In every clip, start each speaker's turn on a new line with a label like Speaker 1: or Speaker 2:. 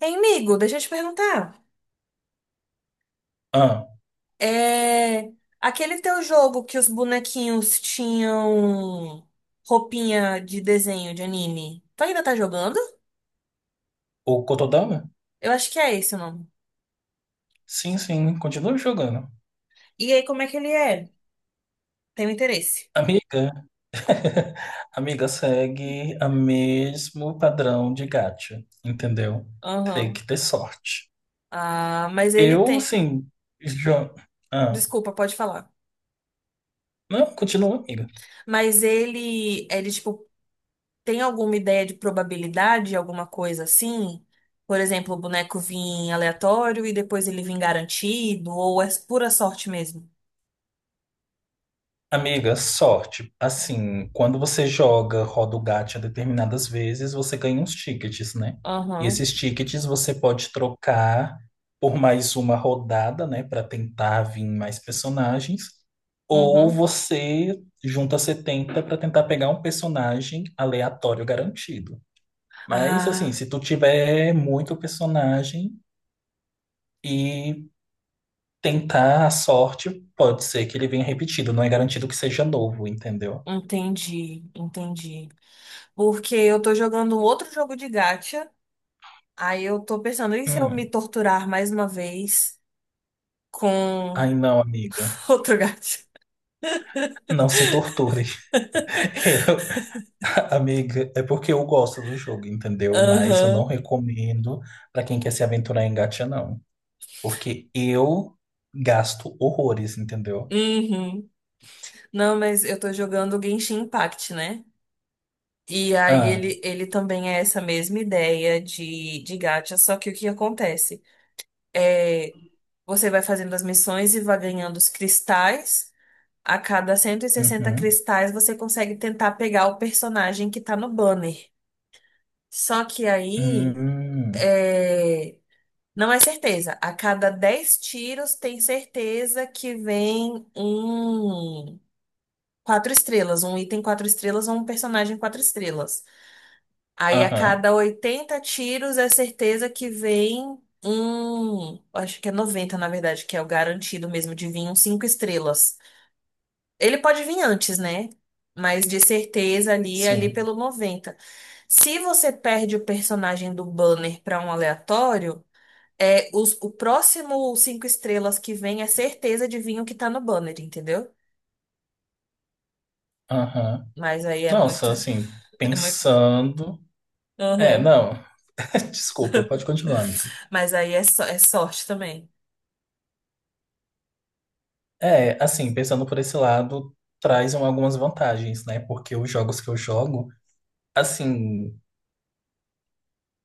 Speaker 1: Hein, amigo, deixa eu te perguntar.
Speaker 2: Ah,
Speaker 1: É... Aquele teu jogo que os bonequinhos tinham roupinha de desenho de anime, tu ainda tá jogando?
Speaker 2: o Cotodama?
Speaker 1: Eu acho que é esse o nome.
Speaker 2: Sim, sim, continua jogando.
Speaker 1: E aí, como é que ele é? Tenho interesse.
Speaker 2: Amiga, amiga segue o mesmo padrão de gacha, entendeu? Tem
Speaker 1: Aham.
Speaker 2: que ter sorte.
Speaker 1: Ah, mas ele
Speaker 2: Eu,
Speaker 1: tem.
Speaker 2: assim, já... Ah,
Speaker 1: Desculpa, pode falar.
Speaker 2: não, continua, amiga.
Speaker 1: Mas ele, tipo, tem alguma ideia de probabilidade, alguma coisa assim? Por exemplo, o boneco vir aleatório e depois ele vir garantido, ou é pura sorte mesmo?
Speaker 2: Amiga, sorte. Assim, quando você joga roda o gacha determinadas vezes, você ganha uns tickets, né? E
Speaker 1: Aham.
Speaker 2: esses tickets você pode trocar por mais uma rodada, né, para tentar vir mais personagens, ou
Speaker 1: Uhum.
Speaker 2: você junta 70 para tentar pegar um personagem aleatório garantido. Mas assim,
Speaker 1: Ah,
Speaker 2: se tu tiver muito personagem e tentar a sorte, pode ser que ele venha repetido, não é garantido que seja novo, entendeu?
Speaker 1: entendi, entendi. Porque eu tô jogando um outro jogo de gacha, aí eu tô pensando, e se eu me
Speaker 2: Hum.
Speaker 1: torturar mais uma vez com
Speaker 2: Ai, não, amiga.
Speaker 1: outro gacha?
Speaker 2: Não se torture. Eu- amiga, é porque eu gosto do jogo, entendeu? Mas eu não
Speaker 1: Aham.
Speaker 2: recomendo pra quem quer se aventurar em gacha, não. Porque eu gasto horrores, entendeu?
Speaker 1: Uhum. Não, mas eu tô jogando Genshin Impact, né? E aí
Speaker 2: Ah,
Speaker 1: ele também é essa mesma ideia de gacha, só que o que acontece? É, você vai fazendo as missões e vai ganhando os cristais. A cada 160
Speaker 2: uhum,
Speaker 1: cristais você consegue tentar pegar o personagem que tá no banner. Só que aí
Speaker 2: hum,
Speaker 1: é, não é certeza. A cada 10 tiros tem certeza que vem um 4 estrelas, um item 4 estrelas ou um personagem 4 estrelas. Aí a
Speaker 2: aham,
Speaker 1: cada 80 tiros é certeza que vem um, acho que é 90 na verdade, que é o garantido mesmo de vir um 5 estrelas. Ele pode vir antes, né? Mas de certeza ali
Speaker 2: sim,
Speaker 1: pelo 90. Se você perde o personagem do banner para um aleatório, o próximo 5 estrelas que vem é certeza de vir o que tá no banner, entendeu?
Speaker 2: aham.
Speaker 1: Mas aí é muito,
Speaker 2: Nossa, assim,
Speaker 1: é muito.
Speaker 2: pensando. É,
Speaker 1: Uhum.
Speaker 2: não. Desculpa, pode continuar, amiga.
Speaker 1: Mas aí é sorte também.
Speaker 2: É, assim, pensando por esse lado, traz um algumas vantagens, né? Porque os jogos que eu jogo. Assim,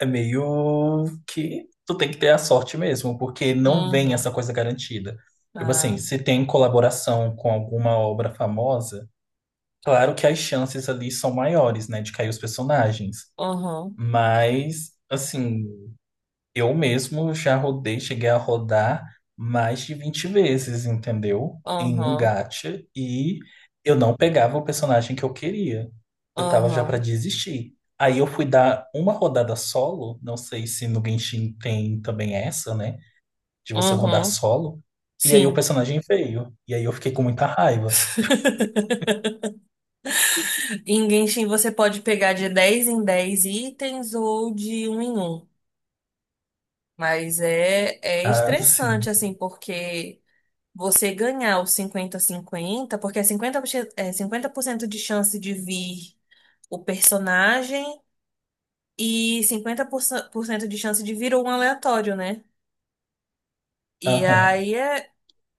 Speaker 2: é meio que tu tem que ter a sorte mesmo, porque não vem essa
Speaker 1: Uhum.
Speaker 2: coisa garantida. Tipo
Speaker 1: Ah,
Speaker 2: assim, se tem colaboração com alguma obra famosa, claro que as chances ali são maiores, né, de cair os personagens.
Speaker 1: uhum,
Speaker 2: Mas, assim, eu mesmo já rodei, cheguei a rodar mais de 20 vezes, entendeu? Em um
Speaker 1: uhum,
Speaker 2: gacha e eu não pegava o personagem que eu queria. Eu tava já pra
Speaker 1: uhum,
Speaker 2: desistir. Aí eu fui dar uma rodada solo, não sei se no Genshin tem também essa, né? De você rodar
Speaker 1: uhum.
Speaker 2: solo. E aí o
Speaker 1: Sim.
Speaker 2: personagem veio. E aí eu fiquei com muita raiva.
Speaker 1: Em Genshin você pode pegar de 10 em 10 itens ou de um em um. Mas é
Speaker 2: Ah,
Speaker 1: estressante,
Speaker 2: sim.
Speaker 1: assim, porque você ganhar o 50/50 porque é 50%, é 50% de chance de vir o personagem e 50% de chance de vir um aleatório, né? E
Speaker 2: Aham.
Speaker 1: aí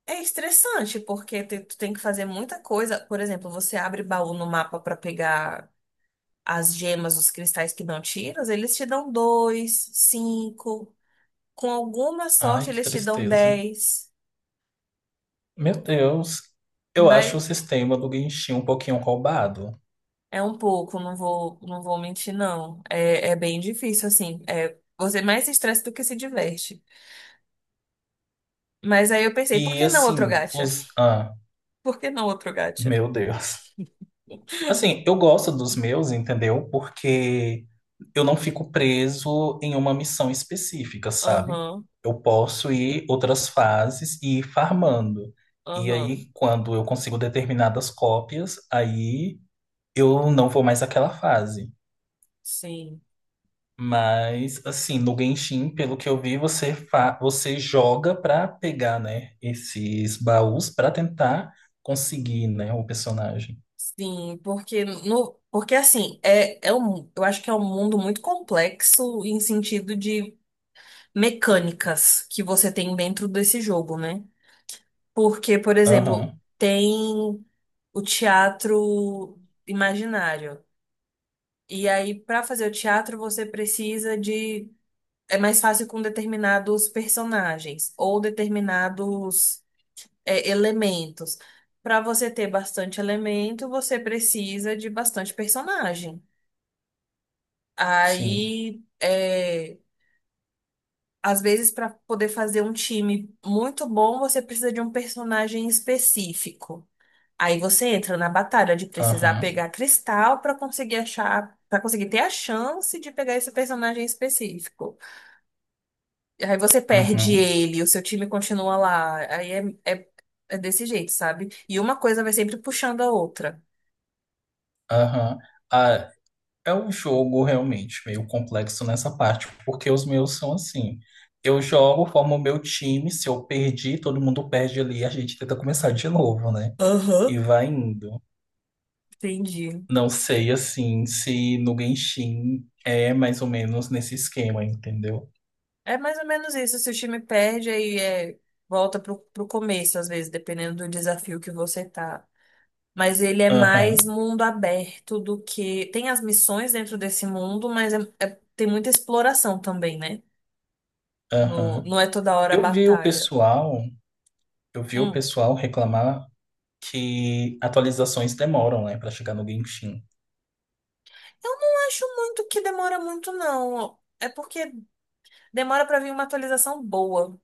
Speaker 1: é estressante, porque tu tem que fazer muita coisa. Por exemplo, você abre baú no mapa para pegar as gemas, os cristais que não tiras, eles te dão dois, cinco. Com alguma
Speaker 2: Ai,
Speaker 1: sorte,
Speaker 2: que
Speaker 1: eles te dão
Speaker 2: tristeza.
Speaker 1: 10.
Speaker 2: Meu Deus. Eu acho o
Speaker 1: Mas
Speaker 2: sistema do Genshin um pouquinho roubado.
Speaker 1: é um pouco, não vou mentir, não. É bem difícil, assim. É, você mais se estressa do que se diverte. Mas aí eu pensei, por
Speaker 2: E
Speaker 1: que não outro
Speaker 2: assim,
Speaker 1: gacha?
Speaker 2: os. Ah,
Speaker 1: Por que não outro gacha?
Speaker 2: meu Deus. Assim, eu gosto dos meus, entendeu? Porque eu não fico preso em uma missão específica, sabe?
Speaker 1: Aham,
Speaker 2: Eu posso ir outras fases e ir farmando. E
Speaker 1: aham.
Speaker 2: aí, quando eu consigo determinadas cópias, aí eu não vou mais àquela fase.
Speaker 1: Sim.
Speaker 2: Mas, assim, no Genshin, pelo que eu vi, você, fa você joga pra pegar, né, esses baús pra tentar conseguir, né, o personagem.
Speaker 1: Sim, porque no, porque assim, eu acho que é um mundo muito complexo em sentido de mecânicas que você tem dentro desse jogo, né? Porque, por exemplo,
Speaker 2: Aham,
Speaker 1: tem o teatro imaginário. E aí, para fazer o teatro, você precisa de. É mais fácil com determinados personagens ou determinados elementos. Para você ter bastante elemento, você precisa de bastante personagem.
Speaker 2: sim.
Speaker 1: Aí, às vezes, para poder fazer um time muito bom, você precisa de um personagem específico. Aí você entra na batalha de precisar
Speaker 2: Aham,
Speaker 1: pegar cristal para conseguir achar, para conseguir ter a chance de pegar esse personagem específico. Aí você perde
Speaker 2: uhum,
Speaker 1: ele, o seu time continua lá. Aí é, é, é desse jeito, sabe? E uma coisa vai sempre puxando a outra.
Speaker 2: aham. Ah, é um jogo realmente meio complexo nessa parte, porque os meus são assim. Eu jogo, formo o meu time, se eu perdi, todo mundo perde ali, a gente tenta começar de novo, né?
Speaker 1: Aham,
Speaker 2: E vai indo.
Speaker 1: entendi.
Speaker 2: Não sei assim se no Genshin é mais ou menos nesse esquema, entendeu?
Speaker 1: É mais ou menos isso. Se o time perde, aí volta pro começo, às vezes, dependendo do desafio que você tá. Mas ele é mais
Speaker 2: Aham,
Speaker 1: mundo aberto do que. Tem as missões dentro desse mundo, mas tem muita exploração também, né? No-
Speaker 2: aham.
Speaker 1: não é toda hora
Speaker 2: Eu vi o
Speaker 1: batalha.
Speaker 2: pessoal, eu vi o
Speaker 1: Hum.
Speaker 2: pessoal reclamar que atualizações demoram, né, para chegar no Genshin.
Speaker 1: Eu não acho muito que demora muito, não. É porque demora pra vir uma atualização boa.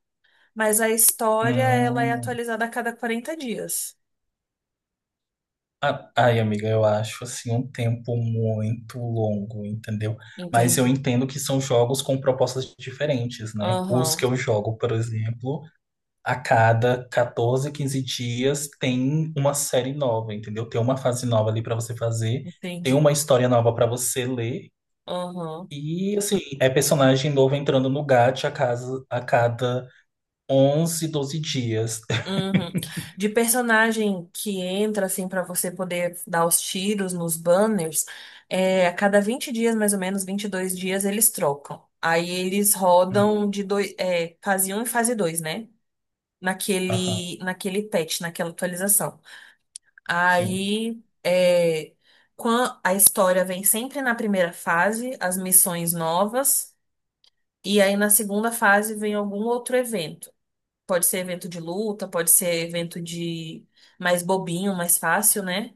Speaker 1: Mas a história, ela é
Speaker 2: Hum.
Speaker 1: atualizada a cada 40 dias.
Speaker 2: Ai, amiga, eu acho assim um tempo muito longo, entendeu? Mas eu
Speaker 1: Entendi.
Speaker 2: entendo que são jogos com propostas diferentes, né? Os que
Speaker 1: Aham,
Speaker 2: eu jogo, por exemplo. A cada 14, 15 dias tem uma série nova, entendeu? Tem uma fase nova ali para você fazer, tem uma
Speaker 1: entendi.
Speaker 2: história nova para você ler.
Speaker 1: Aham.
Speaker 2: E assim, é personagem novo entrando no gacha a cada 11, 12 dias.
Speaker 1: Uhum. De personagem que entra, assim, pra você poder dar os tiros nos banners, a cada 20 dias, mais ou menos, 22 dias, eles trocam. Aí eles
Speaker 2: Hum,
Speaker 1: rodam de dois, fase um e fase dois, né?
Speaker 2: aham,
Speaker 1: Naquele patch, naquela atualização.
Speaker 2: sim.
Speaker 1: Aí, a história vem sempre na primeira fase, as missões novas, e aí na segunda fase vem algum outro evento. Pode ser evento de luta, pode ser evento de mais bobinho, mais fácil, né?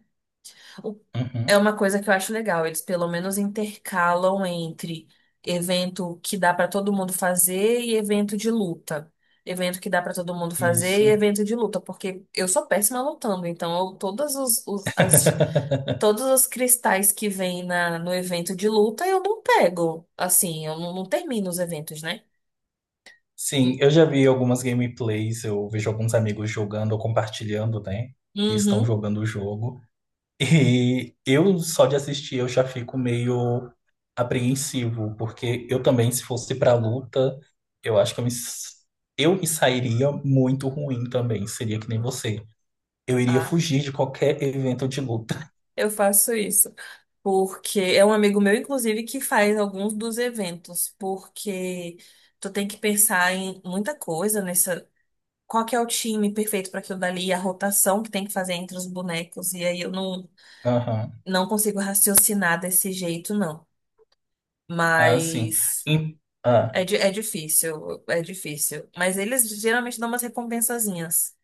Speaker 1: O-
Speaker 2: Uhum,
Speaker 1: É uma coisa que eu acho legal. Eles pelo menos intercalam entre evento que dá pra todo mundo fazer e evento de luta. Evento que dá pra todo mundo fazer e
Speaker 2: isso.
Speaker 1: evento de luta, porque eu sou péssima lutando, então eu, todas os- as, todos os cristais que vêm no evento de luta eu não pego. Assim, eu não termino os eventos, né?
Speaker 2: Sim, eu já vi algumas gameplays, eu vejo alguns amigos jogando ou compartilhando, né? Que estão
Speaker 1: Uhum.
Speaker 2: jogando o jogo. E eu só de assistir eu já fico meio apreensivo, porque eu também, se fosse pra luta, eu acho que eu me sairia muito ruim também, seria que nem você. Eu iria
Speaker 1: Ah,
Speaker 2: fugir de qualquer evento de luta.
Speaker 1: eu faço isso. Porque é um amigo meu, inclusive, que faz alguns dos eventos, porque tu tem que pensar em muita coisa nessa. Qual que é o time perfeito para aquilo dali, a rotação que tem que fazer entre os bonecos, e aí eu não,
Speaker 2: Aham.
Speaker 1: não consigo raciocinar desse jeito, não.
Speaker 2: Ah, sim.
Speaker 1: Mas
Speaker 2: Em- ah.
Speaker 1: é difícil, é difícil. Mas eles geralmente dão umas recompensazinhas.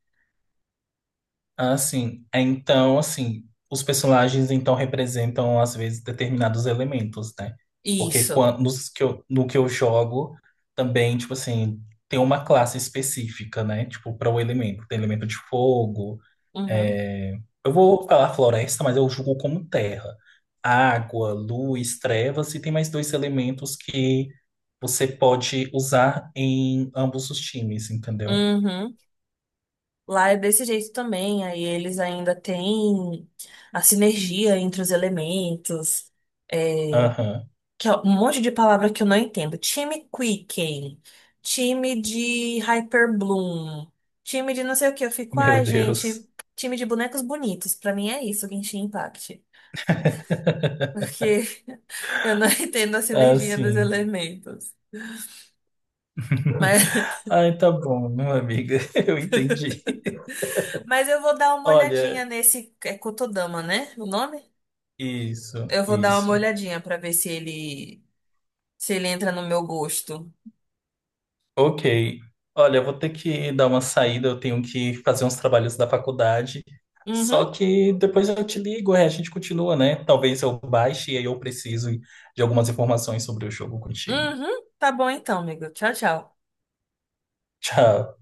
Speaker 2: Ah, sim. É, então, assim, os personagens então representam às vezes determinados elementos, né? Porque
Speaker 1: Isso.
Speaker 2: no que eu jogo também, tipo assim, tem uma classe específica, né? Tipo, para o elemento. Tem elemento de fogo.
Speaker 1: Uhum.
Speaker 2: é, Eu vou falar floresta, mas eu julgo como terra. Água, luz, trevas, e tem mais dois elementos que você pode usar em ambos os times, entendeu?
Speaker 1: Uhum. Lá é desse jeito também, aí eles ainda têm a sinergia entre os elementos, é,
Speaker 2: Aham.
Speaker 1: que é um monte de palavra que eu não entendo. Time Quicken, time de Hyperbloom, time de não sei o que. Eu fico,
Speaker 2: Meu
Speaker 1: ai, gente,
Speaker 2: Deus.
Speaker 1: time de bonecos bonitos. Pra mim é isso, Genshin Impact. Porque eu não entendo a sinergia dos
Speaker 2: Assim.
Speaker 1: elementos. Mas,
Speaker 2: Ai, tá bom, meu amigo, eu entendi.
Speaker 1: mas eu vou dar uma olhadinha
Speaker 2: Olha,
Speaker 1: nesse. É Kotodama, né? O nome?
Speaker 2: isso,
Speaker 1: Eu vou dar uma
Speaker 2: isso.
Speaker 1: olhadinha pra ver se ele entra no meu gosto.
Speaker 2: Ok. Olha, eu vou ter que dar uma saída, eu tenho que fazer uns trabalhos da faculdade. Só
Speaker 1: Uhum,
Speaker 2: que depois eu te ligo, é, a gente continua, né? Talvez eu baixe e aí eu preciso de algumas informações sobre o jogo contigo.
Speaker 1: uhum. Tá bom então, amigo. Tchau, tchau.
Speaker 2: Tchau.